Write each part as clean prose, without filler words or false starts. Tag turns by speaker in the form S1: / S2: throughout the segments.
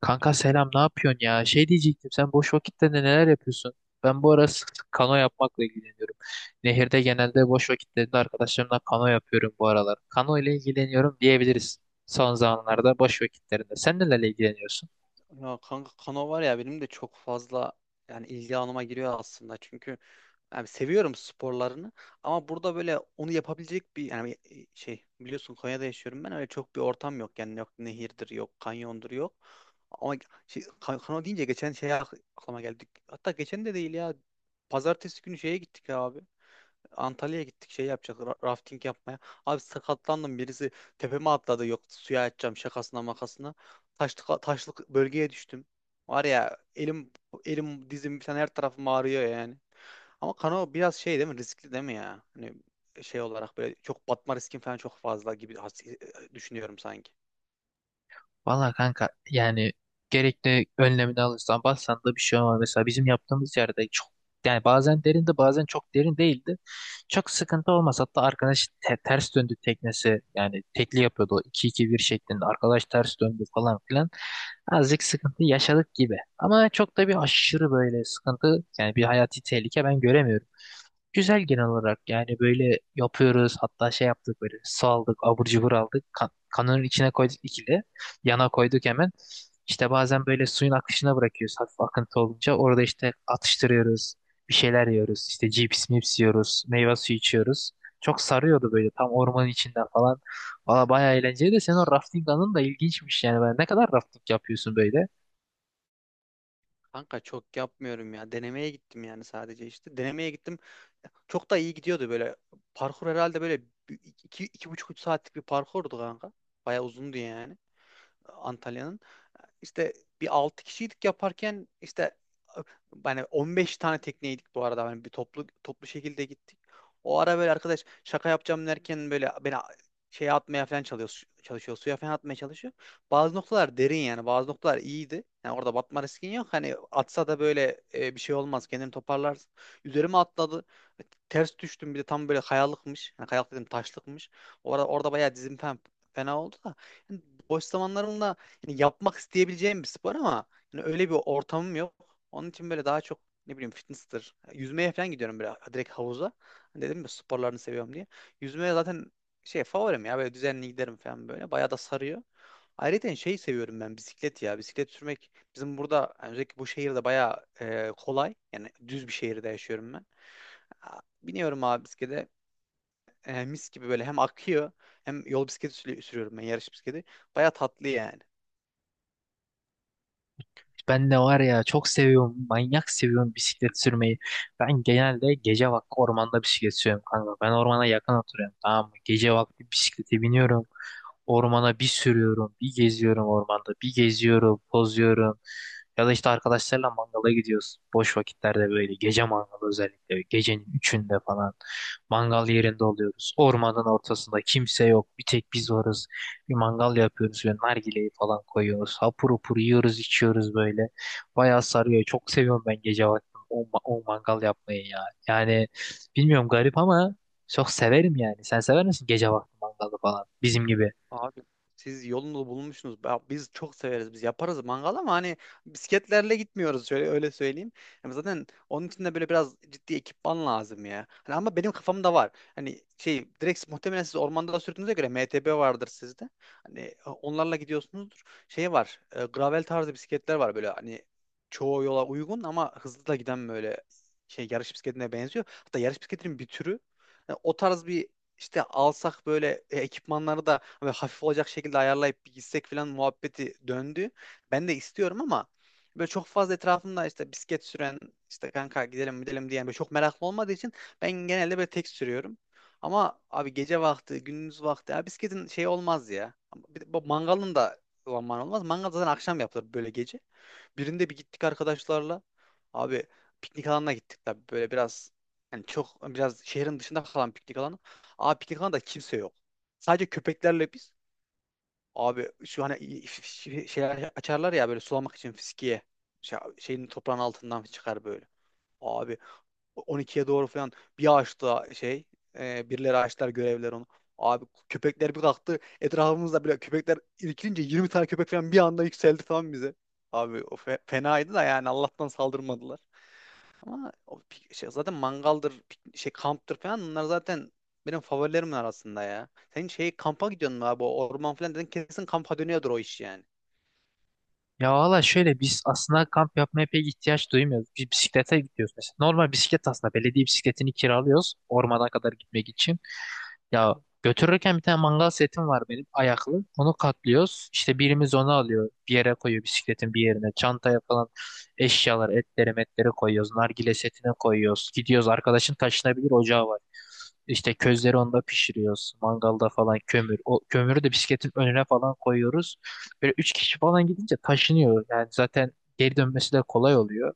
S1: Kanka selam, ne yapıyorsun ya? Şey diyecektim, sen boş vakitte neler yapıyorsun? Ben bu ara sık sık kano yapmakla ilgileniyorum. Nehirde genelde boş vakitlerinde arkadaşlarımla kano yapıyorum bu aralar. Kano ile ilgileniyorum diyebiliriz son
S2: Hı,
S1: zamanlarda boş vakitlerinde. Sen nelerle ilgileniyorsun?
S2: ya kanka. Kano var ya, benim de çok fazla yani ilgi alanıma giriyor aslında. Çünkü yani seviyorum sporlarını ama burada böyle onu yapabilecek bir yani şey, biliyorsun Konya'da yaşıyorum ben, öyle çok bir ortam yok. Yani yok, nehirdir yok, kanyondur yok. Ama şey, Kano deyince geçen şey aklıma geldi. Hatta geçen de değil ya. Pazartesi günü şeye gittik abi. Antalya'ya gittik şey yapacak, rafting yapmaya. Abi sakatlandım, birisi tepeme atladı, yok suya atacağım şakasına makasına. Taşlık, taşlık bölgeye düştüm. Var ya elim dizim falan her tarafım ağrıyor yani. Ama kano biraz şey değil mi, riskli değil mi ya? Hani şey olarak böyle çok batma riskin falan çok fazla gibi düşünüyorum sanki.
S1: Valla kanka, yani gerekli önlemini alırsan bassan da bir şey olmaz. Mesela bizim yaptığımız yerde çok, yani bazen derindi bazen çok derin değildi. Çok sıkıntı olmaz. Hatta arkadaş ters döndü teknesi, yani tekli yapıyordu iki iki bir şeklinde. Arkadaş ters döndü falan filan. Azıcık sıkıntı yaşadık gibi. Ama çok da bir aşırı böyle sıkıntı, yani bir hayati tehlike ben göremiyorum. Güzel genel olarak, yani böyle yapıyoruz. Hatta şey yaptık, böyle su aldık, abur cubur aldık, kanının içine koyduk, ikili yana koyduk hemen. İşte bazen böyle suyun akışına bırakıyoruz, hafif akıntı olunca orada işte atıştırıyoruz, bir şeyler yiyoruz, işte cips mips yiyoruz, meyve suyu içiyoruz. Çok sarıyordu böyle, tam ormanın içinden falan. Valla bayağı eğlenceli. De senin o rafting anın da ilginçmiş yani. Ben, ne kadar rafting yapıyorsun böyle?
S2: Kanka çok yapmıyorum ya. Denemeye gittim yani sadece işte. Denemeye gittim. Çok da iyi gidiyordu böyle. Parkur herhalde böyle iki, iki buçuk, üç saatlik bir parkurdu kanka. Bayağı uzundu yani. Antalya'nın işte bir 6 kişiydik yaparken işte, hani 15 tane tekneydik bu arada. Hani bir toplu toplu şekilde gittik. O ara böyle arkadaş şaka yapacağım derken böyle beni şeye atmaya falan çalışıyor, çalışıyor. Suya falan atmaya çalışıyor. Bazı noktalar derin yani. Bazı noktalar iyiydi. Yani orada batma riskin yok. Hani atsa da böyle bir şey olmaz. Kendini toparlarsın. Üzerime atladı. Ters düştüm, bir de tam böyle kayalıkmış. Yani kayalık dedim, taşlıkmış. Orada, orada bayağı dizim falan fena oldu da. Yani boş zamanlarımda hani yapmak isteyebileceğim bir spor, ama hani öyle bir ortamım yok. Onun için böyle daha çok, ne bileyim, fitness'tır. Yüzmeye falan gidiyorum böyle direkt havuza. Hani dedim ya sporlarını seviyorum diye. Yüzmeye zaten, şey, favorim ya, böyle düzenli giderim falan böyle. Bayağı da sarıyor. Ayrıca hani şeyi seviyorum ben, bisiklet ya. Bisiklet sürmek bizim burada yani özellikle bu şehirde bayağı kolay. Yani düz bir şehirde yaşıyorum ben. Aa, biniyorum abi bisiklete, mis gibi böyle, hem akıyor hem yol bisikleti sürüyorum ben, yarış bisikleti. Baya tatlı yani.
S1: Ben de var ya, çok seviyorum, manyak seviyorum bisiklet sürmeyi. Ben genelde gece vakti ormanda bisiklet sürüyorum kanka. Ben ormana yakın oturuyorum, tamam mı? Gece vakti bisiklete biniyorum. Ormana bir sürüyorum, bir geziyorum ormanda, bir geziyorum, pozuyorum. Ya da işte arkadaşlarla mangala gidiyoruz. Boş vakitlerde böyle gece mangalı, özellikle gecenin üçünde falan mangal yerinde oluyoruz. Ormanın ortasında kimse yok. Bir tek biz varız. Bir mangal yapıyoruz ve nargileyi falan koyuyoruz. Hapur hapur yiyoruz, içiyoruz böyle. Bayağı sarıyor. Çok seviyorum ben gece vakti o mangal yapmayı ya. Yani bilmiyorum, garip ama çok severim yani. Sen sever misin gece vakti mangalı falan? Bizim gibi.
S2: Abi, siz yolunu bulmuşsunuz. Biz çok severiz. Biz yaparız mangal ama hani bisikletlerle gitmiyoruz, şöyle öyle söyleyeyim. Yani zaten onun için de böyle biraz ciddi ekipman lazım ya. Hani ama benim kafamda var. Hani şey, direkt muhtemelen siz ormanda da sürdüğünüze göre MTB vardır sizde. Hani onlarla gidiyorsunuzdur. Şey var. Gravel tarzı bisikletler var böyle, hani çoğu yola uygun ama hızlı da giden, böyle şey, yarış bisikletine benziyor. Hatta yarış bisikletinin bir türü. Yani o tarz bir, işte alsak böyle ekipmanları da hani hafif olacak şekilde ayarlayıp bir gitsek falan muhabbeti döndü. Ben de istiyorum ama böyle çok fazla etrafımda işte bisiklet süren, işte kanka gidelim gidelim diyen, böyle çok meraklı olmadığı için ben genelde böyle tek sürüyorum. Ama abi gece vakti, gündüz vakti ya, bisikletin şey olmaz ya. Bir de bu mangalın da zaman olmaz. Mangal zaten akşam yapılır, böyle gece. Birinde bir gittik arkadaşlarla. Abi piknik alanına gittik tabii, böyle biraz, yani çok biraz şehrin dışında kalan piknik alanı. Abi piknik alanında kimse yok. Sadece köpeklerle biz. Abi şu hani şeyler açarlar ya böyle sulamak için, fiskiye. Şeyin toprağın altından çıkar böyle. Abi 12'ye doğru falan bir açtı şey. E, birileri açtılar, görevler onu. Abi köpekler bir kalktı. Etrafımızda bile köpekler irkilince 20 tane köpek falan bir anda yükseldi falan bize. Abi o fenaydı da yani, Allah'tan saldırmadılar. Ama o zaten mangaldır, kamptır falan, bunlar zaten benim favorilerim arasında ya. Sen şey, kampa gidiyorsun mu abi? O orman falan dedin, kesin kampa dönüyordur o iş yani.
S1: Ya valla şöyle, biz aslında kamp yapmaya pek ihtiyaç duymuyoruz. Biz bisiklete gidiyoruz mesela. Normal bisiklet aslında, belediye bisikletini kiralıyoruz ormana kadar gitmek için. Ya götürürken bir tane mangal setim var benim, ayaklı. Onu katlıyoruz. İşte birimiz onu alıyor. Bir yere koyuyor, bisikletin bir yerine. Çantaya falan eşyalar, etleri, metleri koyuyoruz. Nargile setine koyuyoruz. Gidiyoruz, arkadaşın taşınabilir ocağı var. İşte közleri onda pişiriyoruz. Mangalda falan kömür. O kömürü de bisikletin önüne falan koyuyoruz. Böyle üç kişi falan gidince taşınıyor. Yani zaten geri dönmesi de kolay oluyor.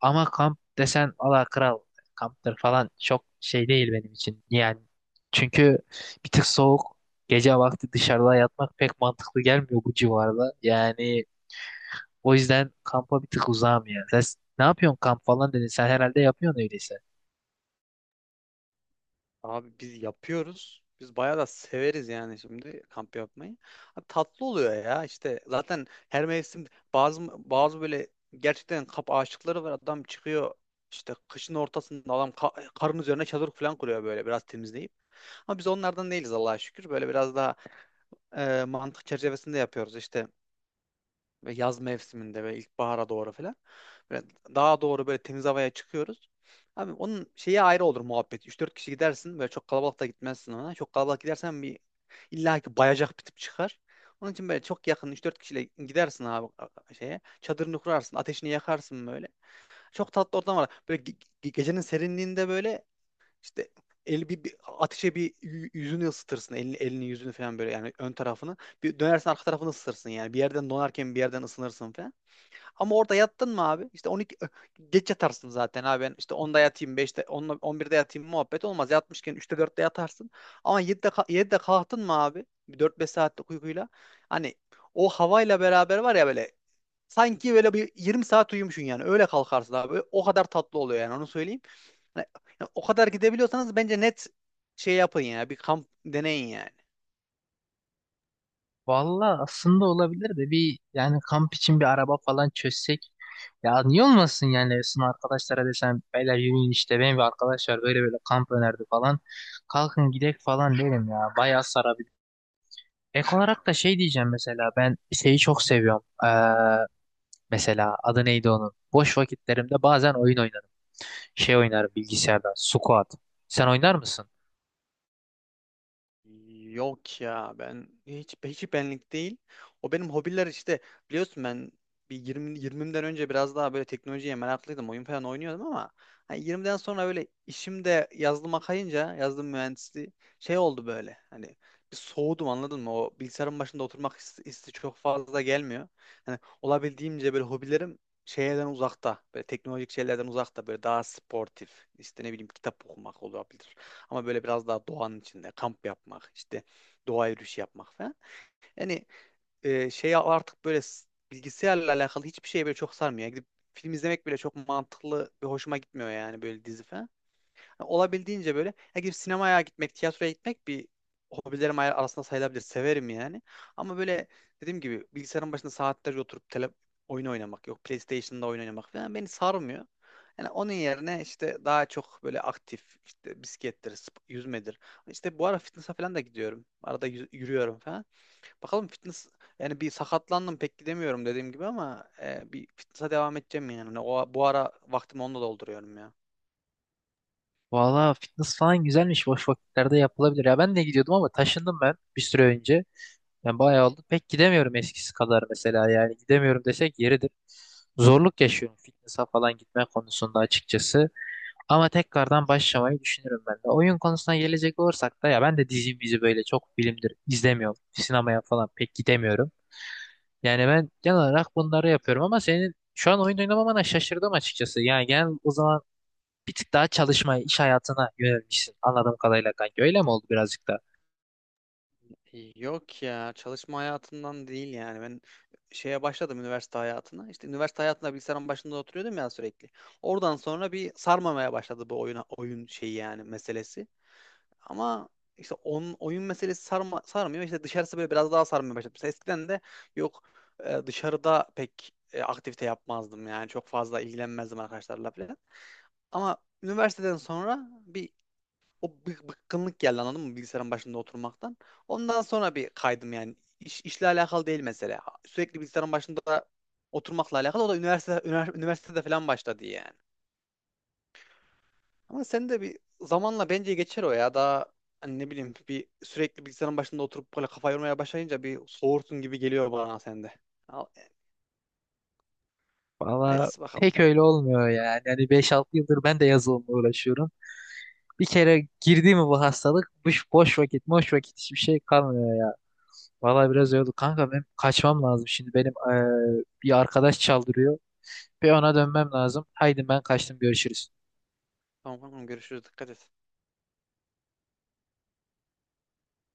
S1: Ama kamp desen, ala kral, kamptır falan çok şey değil benim için. Yani çünkü bir tık soğuk, gece vakti dışarıda yatmak pek mantıklı gelmiyor bu civarda. Yani o yüzden kampa bir tık uzağım ya. Sen ne yapıyorsun, kamp falan dedin. Sen herhalde yapıyorsun öyleyse.
S2: Abi biz yapıyoruz. Biz bayağı da severiz yani, şimdi kamp yapmayı. Ha, tatlı oluyor ya, işte zaten her mevsim, bazı bazı böyle, gerçekten kamp aşıkları var. Adam çıkıyor işte kışın ortasında, adam karın üzerine çadır falan kuruyor böyle, biraz temizleyip. Ama biz onlardan değiliz Allah'a şükür. Böyle biraz daha mantık çerçevesinde yapıyoruz işte, ve yaz mevsiminde ve ilkbahara doğru falan. Böyle daha doğru, böyle temiz havaya çıkıyoruz. Abi onun şeyi ayrı olur muhabbet. 3-4 kişi gidersin, böyle çok kalabalık da gitmezsin ona. Çok kalabalık gidersen bir illa bayacak bir tip çıkar. Onun için böyle çok yakın 3-4 kişiyle gidersin abi şeye. Çadırını kurarsın, ateşini yakarsın böyle. Çok tatlı ortam var. Böyle gecenin serinliğinde, böyle işte eli, bir, bir ateşe bir yüzünü ısıtırsın. Elini, elini yüzünü falan böyle, yani ön tarafını. Bir dönersin arka tarafını ısıtırsın yani. Bir yerden donarken bir yerden ısınırsın falan. Ama orada yattın mı abi? İşte 12 geç yatarsın zaten abi. Ben işte 10'da yatayım, 5'te, 10'la, 11'de yatayım, muhabbet olmaz. Yatmışken 3'te, 4'te yatarsın. Ama 7'de kalktın mı abi? Bir 4-5 saatlik uykuyla. Hani o havayla beraber var ya böyle, sanki böyle bir 20 saat uyumuşsun yani. Öyle kalkarsın abi. O kadar tatlı oluyor yani, onu söyleyeyim. Hani- Yani o kadar gidebiliyorsanız bence net şey yapın ya. Bir kamp deneyin yani.
S1: Valla aslında olabilir de, bir yani kamp için bir araba falan çözsek, ya niye olmasın yani? Sınıf arkadaşlara desem beyler yürüyün, işte benim bir arkadaş var, böyle böyle kamp önerdi falan, kalkın gidek falan derim ya, bayağı sarabilir. Ek olarak da şey diyeceğim, mesela ben şeyi çok seviyorum. Mesela adı neydi onun? Boş vakitlerimde bazen oyun oynarım. Şey oynarım bilgisayarda. Squat. Sen oynar mısın?
S2: Yok ya, ben hiç benlik değil. O benim hobiler işte, biliyorsun ben bir 20'den önce biraz daha böyle teknolojiye meraklıydım. Oyun falan oynuyordum ama hani 20'den sonra böyle, işimde yazılıma kayınca, yazılım mühendisliği, şey oldu böyle. Hani bir soğudum, anladın mı? O bilgisayarın başında oturmak hissi, hissi çok fazla gelmiyor. Hani olabildiğimce böyle hobilerim şeylerden uzakta. Böyle teknolojik şeylerden uzakta, böyle daha sportif. İşte ne bileyim, kitap okumak olabilir. Ama böyle biraz daha doğanın içinde kamp yapmak, işte doğa yürüyüşü yapmak falan. Yani şey, artık böyle bilgisayarla alakalı hiçbir şey böyle çok sarmıyor. Yani gidip film izlemek bile çok mantıklı ve hoşuma gitmiyor yani, böyle dizi falan. Ya, olabildiğince böyle, ya gidip sinemaya gitmek, tiyatroya gitmek bir hobilerim arasında sayılabilir. Severim yani. Ama böyle dediğim gibi, bilgisayarın başında saatlerce oturup tele oyun oynamak, yok PlayStation'da oyun oynamak falan beni sarmıyor. Yani onun yerine işte daha çok böyle aktif, işte bisiklettir, yüzmedir. İşte bu ara fitness'a falan da gidiyorum. Arada yürüyorum falan. Bakalım fitness, yani bir sakatlandım pek gidemiyorum dediğim gibi ama bir fitness'a devam edeceğim yani. Yani o, bu ara vaktimi onunla dolduruyorum ya.
S1: Valla fitness falan güzelmiş. Boş vakitlerde yapılabilir. Ya ben de gidiyordum ama taşındım ben bir süre önce. Yani bayağı oldu. Pek gidemiyorum eskisi kadar mesela. Yani gidemiyorum desek yeridir. Zorluk yaşıyorum fitness'a falan gitme konusunda açıkçası. Ama tekrardan başlamayı düşünürüm ben de. Oyun konusuna gelecek olursak da, ya ben de dizi mizi böyle çok bilimdir izlemiyorum. Sinemaya falan pek gidemiyorum. Yani ben genel olarak bunları yapıyorum, ama senin şu an oyun oynamamana şaşırdım açıkçası. Yani genel o zaman bir tık daha çalışmaya, iş hayatına yönelmişsin anladığım kadarıyla kanka. Öyle mi oldu birazcık da?
S2: Yok ya, çalışma hayatından değil yani, ben şeye başladım, üniversite hayatına. İşte üniversite hayatında bilgisayarın başında oturuyordum ya sürekli, oradan sonra bir sarmamaya başladı bu oyuna, oyun şeyi yani meselesi, ama işte oyun meselesi sarmıyor, işte dışarısı böyle biraz daha sarmaya başladı. Mesela eskiden de yok, dışarıda pek aktivite yapmazdım yani, çok fazla ilgilenmezdim arkadaşlarla falan, ama üniversiteden sonra bir, o bıkkınlık geldi, anladın mı, bilgisayarın başında oturmaktan. Ondan sonra bir kaydım yani. İşle alakalı değil mesele. Sürekli bilgisayarın başında oturmakla alakalı. O da üniversitede falan başladı yani. Ama sen de bir zamanla bence geçer o ya. Daha hani, ne bileyim, bir sürekli bilgisayarın başında oturup böyle kafa yormaya başlayınca bir soğursun gibi geliyor bana sende. Al-
S1: Valla
S2: Hayırlısı bakalım.
S1: pek öyle olmuyor yani. Yani 5-6 yıldır ben de yazılımla uğraşıyorum. Bir kere girdi mi bu hastalık, boş vakit hiçbir şey kalmıyor. Vallahi biraz yoruldu. Kanka benim kaçmam lazım şimdi. Benim bir arkadaş çaldırıyor ve ona dönmem lazım. Haydi ben kaçtım. Görüşürüz.
S2: Tamam, tamam, görüşürüz. Dikkat et.